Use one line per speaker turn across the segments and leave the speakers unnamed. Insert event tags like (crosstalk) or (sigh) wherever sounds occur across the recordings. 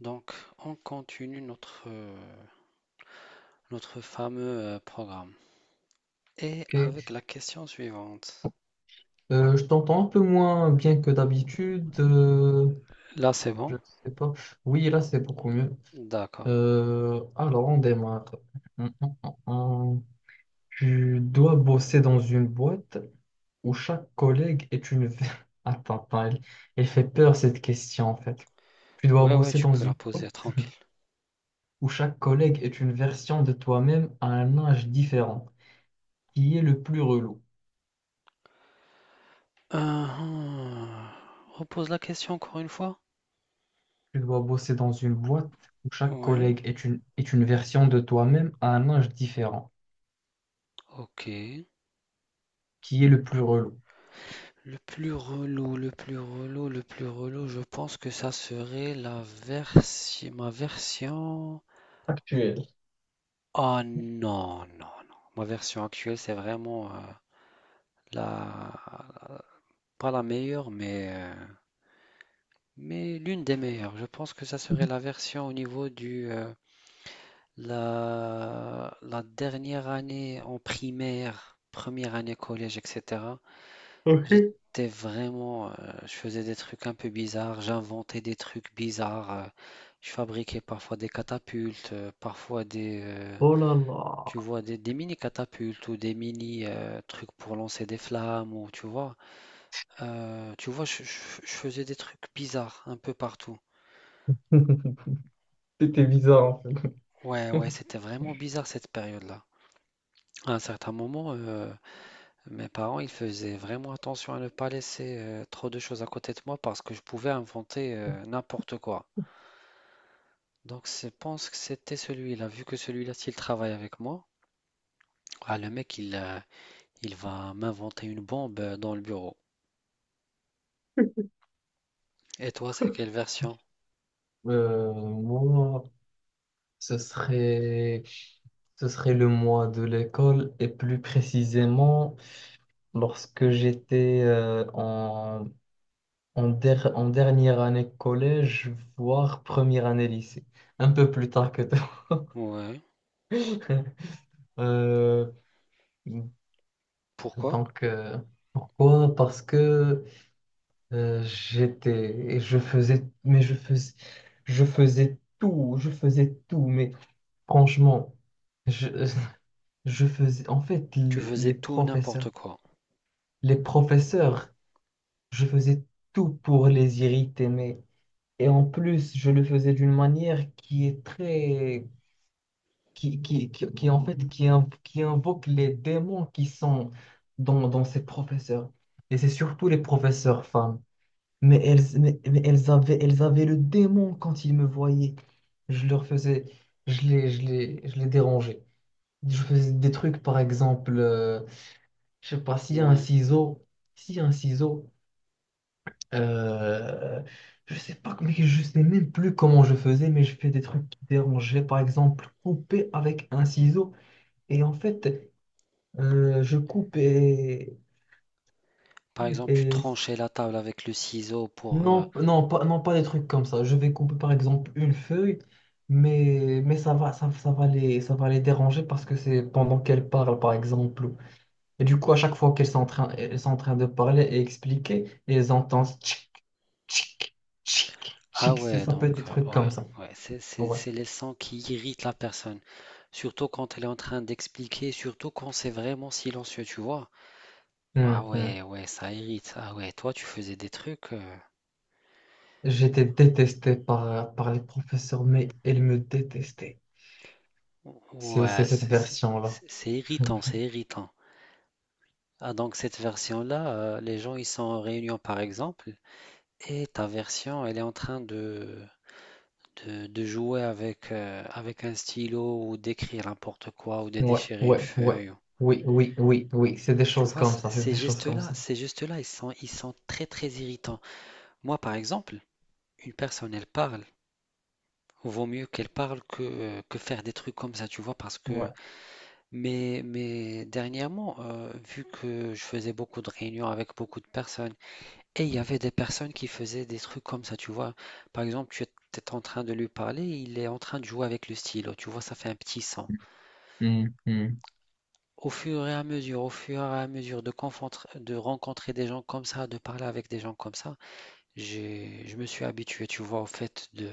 Donc, on continue notre fameux programme. Et avec
Ok.
la question suivante.
Je t'entends un peu moins bien que d'habitude. euh,
Là, c'est
je
bon?
sais pas. Oui, là, c'est beaucoup mieux.
D'accord.
Alors, on démarre. Hum, hum, hum. Tu dois bosser dans une boîte où chaque collègue est une. (laughs) Attends, attends, elle, elle fait peur cette question en fait. Tu dois
Ouais, ouais,
bosser
tu
dans
peux la
une
poser
boîte
tranquille.
où chaque collègue est une version de toi-même à un âge différent. Qui est le plus relou?
Euh, hum, Repose la question encore une fois?
Tu dois bosser dans une boîte où chaque
Ouais,
collègue est une version de toi-même à un âge différent.
ok.
Qui est le plus relou?
Le plus relou, le plus relou, le plus relou, je pense que ça serait ma version.
Actuel. (laughs)
Oh non, non, non. Ma version actuelle, c'est vraiment la, pas la meilleure, mais l'une des meilleures, je pense que ça serait la version au niveau du la dernière année en primaire, première année collège, etc.
Ok.
J'étais je faisais des trucs un peu bizarres, j'inventais des trucs bizarres, je fabriquais parfois des catapultes, parfois
Oh là
tu
là.
vois, des mini catapultes ou des mini trucs pour lancer des flammes ou tu vois, je faisais des trucs bizarres un peu partout.
(laughs) C'était bizarre en fait.
Ouais, ouais,
(laughs)
c'était vraiment bizarre cette période-là. À un certain moment, mes parents, ils faisaient vraiment attention à ne pas laisser trop de choses à côté de moi parce que je pouvais inventer n'importe quoi. Donc, je pense que c'était celui-là. Vu que celui-là, s'il travaille avec moi, ah, le mec, il va m'inventer une bombe dans le bureau. Et toi, c'est quelle version?
Moi, ce serait, ce serait le mois de l'école et plus précisément lorsque j'étais en dernière année collège, voire première année lycée, un peu plus tard que toi.
Ouais.
(laughs) Euh,
Pourquoi?
Donc, pourquoi? Parce que et je faisais, mais je faisais tout, mais franchement, je, (laughs) je faisais, en fait,
Tu
l-
faisais
les
tout
professeurs,
n'importe quoi.
les professeurs, je faisais tout pour les irriter, mais, et en plus, je le faisais d'une manière qui est très, en fait, qui invoque les démons qui sont dans ces professeurs. Et c'est surtout les professeurs femmes. Mais elles avaient le démon quand ils me voyaient. Je leur faisais, je les dérangeais. Je faisais des trucs, par exemple, je sais pas, s'il y a un
Ouais.
ciseau, s'il y a un ciseau, euh, je sais pas, mais je sais même plus comment je faisais, mais je fais des trucs qui dérangeaient. Par exemple, couper avec un ciseau. Et en fait, je coupe et,
Par exemple, tu
et
tranchais la table avec le ciseau pour
Non, non, pas, non, pas des trucs comme ça. Je vais couper par exemple une feuille, mais ça va les déranger parce que c'est pendant qu'elles parlent par exemple. Et du coup, à chaque fois qu'elles sont en train de parler et expliquer, elles entendent tchic, tchic, tchic,
Ah
tchic.
ouais,
Ça peut
donc,
être des
euh,
trucs
ouais,
comme ça.
ouais,
Ouais.
c'est les sons qui irritent la personne. Surtout quand elle est en train d'expliquer, surtout quand c'est vraiment silencieux, tu vois. Ah
Hum, hum.
ouais, ouais, ça irrite. Ah ouais, toi, tu faisais des trucs.
J'étais détesté par les professeurs, mais elles me détestaient. C'est
Ouais,
c'est cette version-là.
c'est
(laughs)
irritant, c'est irritant. Ah, donc, cette version-là, les gens, ils sont en réunion, par exemple, et ta version, elle est en train de jouer avec, avec un stylo ou d'écrire n'importe quoi ou de
Ouais,
déchirer une
ouais, ouais.
feuille.
Oui, oui, oui, oui. C'est des
Tu
choses
vois,
comme ça. C'est des choses comme ça.
ces gestes-là, ils sont très très irritants. Moi, par exemple, une personne, elle parle. Vaut mieux qu'elle parle que faire des trucs comme ça, tu vois, parce que...
Ouais.
Mais dernièrement, vu que je faisais beaucoup de réunions avec beaucoup de personnes, et il y avait des personnes qui faisaient des trucs comme ça, tu vois. Par exemple, tu es en train de lui parler, il est en train de jouer avec le stylo, tu vois, ça fait un petit son.
Hum, hum.
Au fur et à mesure, au fur et à mesure de de rencontrer des gens comme ça, de parler avec des gens comme ça, je me suis habitué, tu vois, au fait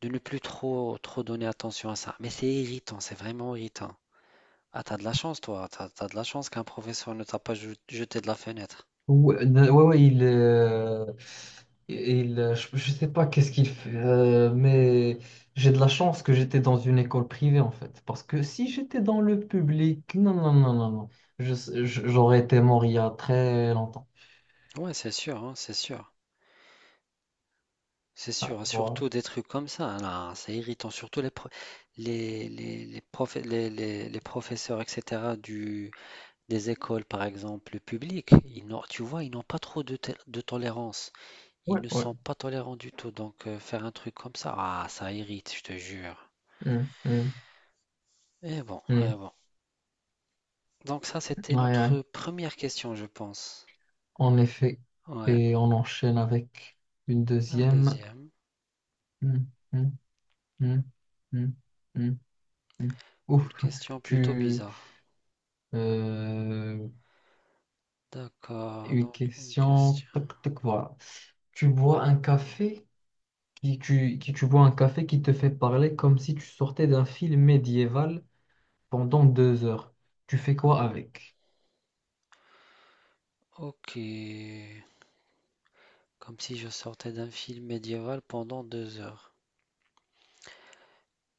de ne plus trop donner attention à ça. Mais c'est irritant, c'est vraiment irritant. Ah, t'as de la chance, toi. T'as de la chance qu'un professeur ne t'a pas jeté de la fenêtre.
Ouais, ouais, ouais, je sais pas qu'est-ce qu'il fait, mais j'ai de la chance que j'étais dans une école privée en fait, parce que si j'étais dans le public, non, non, non, non, non, je- j'aurais été mort il y a très longtemps.
Ouais, c'est sûr, hein, c'est sûr. C'est
Ah,
sûr, hein,
voilà.
surtout des trucs comme ça, hein, là, c'est irritant. Les professeurs, etc., des écoles, par exemple, publiques, ils n'ont, tu vois, ils n'ont pas trop de tolérance.
Ouais,
Ils ne
ouais.
sont pas tolérants du tout, donc faire un truc comme ça, ah, ça irrite, je te jure.
Hum, hum,
Et bon, et
hum.
bon. Donc ça, c'était
Ouais, ouais.
notre première question, je pense.
En effet,
Ouais.
et on enchaîne avec une
La
deuxième.
deuxième,
Hum, hum, hum, hum, hum, hum.
une
Ouf,
question plutôt
tu,
bizarre.
Euh,
D'accord,
une
donc une
question.
question.
Toc, toc, voilà. Tu bois un café qui te fait parler comme si tu sortais d'un film médiéval pendant 2 heures. Tu fais quoi avec?
Ok. Comme si je sortais d'un film médiéval pendant deux heures.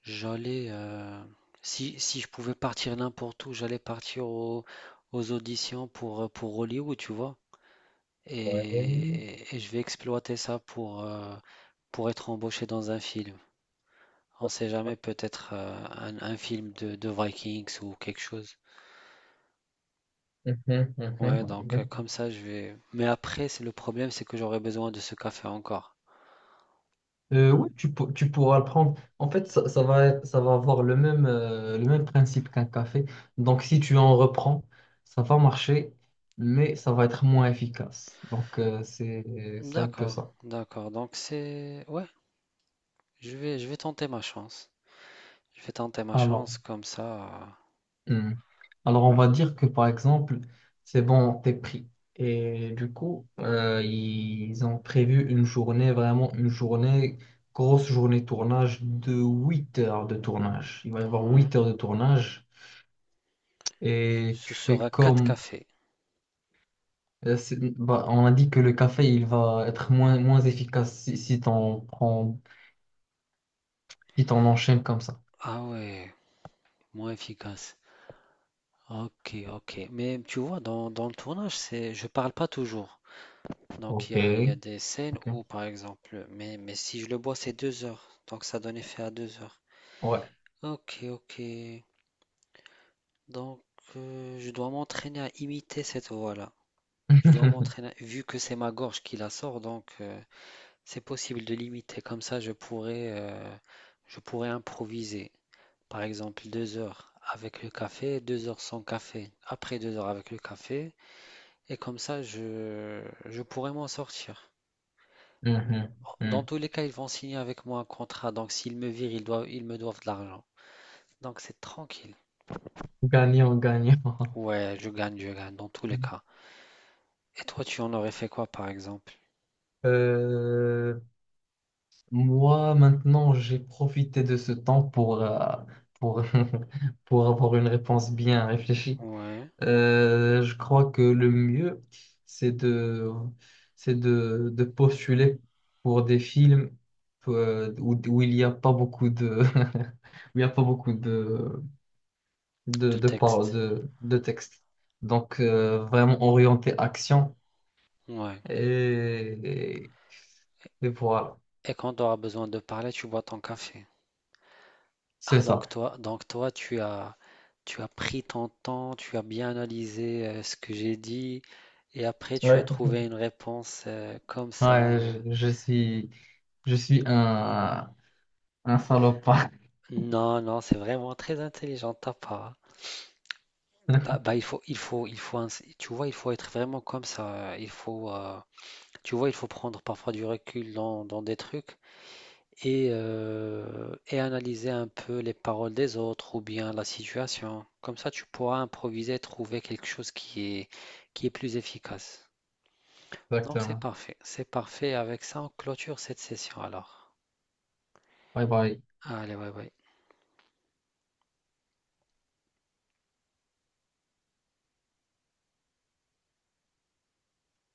J'allais... euh, Si, si je pouvais partir n'importe où, aux auditions pour Hollywood, tu vois. Et,
Ouais. (laughs)
et je vais exploiter ça pour être embauché dans un film. On sait jamais, peut-être un film de Vikings ou quelque chose.
Mhm, mhm,
Ouais, donc
mhm.
comme ça, je vais. Mais après, c'est le problème, c'est que j'aurai besoin de ce café encore.
Oui, tu pourras le prendre. En fait, ça va avoir le même principe qu'un café. Donc, si tu en reprends, ça va marcher, mais ça va être moins efficace. Donc, c'est un peu
D'accord,
ça.
d'accord. Donc c'est. Ouais, je vais tenter ma chance. Je vais tenter ma
Alors.
chance comme ça.
Hmm. Alors, on
Ouais,
va dire que par exemple, c'est bon, t'es pris. Et du coup, ils ont prévu une journée, vraiment une journée, grosse journée de tournage de 8 heures de tournage. Il va y avoir
ouais.
8 heures de tournage. Et
Ce
tu fais
sera quatre
comme.
cafés.
Bah, on a dit que le café, il va être moins efficace si, t'en prends, si t'en enchaînes comme ça.
Ah ouais, moins efficace. Ok, ok. Mais tu vois, dans le tournage, c'est, je parle pas toujours. Donc
Ok,
il y a des scènes
ok.
où, par exemple, mais si je le bois, c'est deux heures. Donc ça donne effet à deux heures.
Ouais.
Ok, ok. Donc je dois m'entraîner à imiter cette voix-là. Je dois
(laughs)
m'entraîner, vu que c'est ma gorge qui la sort, donc c'est possible de l'imiter. Comme ça, je pourrais improviser. Par exemple, deux heures avec le café, deux heures sans café. Après deux heures avec le café. Et comme ça, je pourrais m'en sortir. Mm.
Mhm,
Dans
mhm.
tous les cas, ils vont signer avec moi un contrat. Donc, s'ils me virent, ils me doivent de l'argent. Donc, c'est tranquille.
Gagnant, gagnant.
Ouais, je gagne, dans tous les cas.
(laughs)
Et toi, tu en aurais fait quoi, par exemple?
Euh, Moi, maintenant, j'ai profité de ce temps pour, (laughs) pour avoir une réponse bien réfléchie.
Ouais,
Je crois que le mieux, c'est de, c'est de postuler pour des films où il n'y a pas beaucoup de, (laughs) où il n'y a pas beaucoup de,
de
paroles,
texte.
de texte. Donc, vraiment orienté action.
Ouais.
Et, et et voilà,
Et quand tu auras besoin de parler, tu bois ton café.
c'est
Ah,
ça.
donc toi, tu as pris ton temps, tu as bien analysé ce que j'ai dit, et après, tu as
Ouais.
trouvé une réponse comme ça.
Ouais, je suis un salopard.
Non, non, c'est vraiment très intelligent de ta part. Bah,
(laughs)
bah, tu vois, il faut être vraiment comme ça. Tu vois, il faut prendre parfois du recul dans, dans des trucs et analyser un peu les paroles des autres ou bien la situation. Comme ça, tu pourras improviser, trouver quelque chose qui est plus efficace. Donc, c'est
Exactement.
parfait. C'est parfait. Avec ça, on clôture cette session alors.
Bye bye.
Allez, ouais, ouais.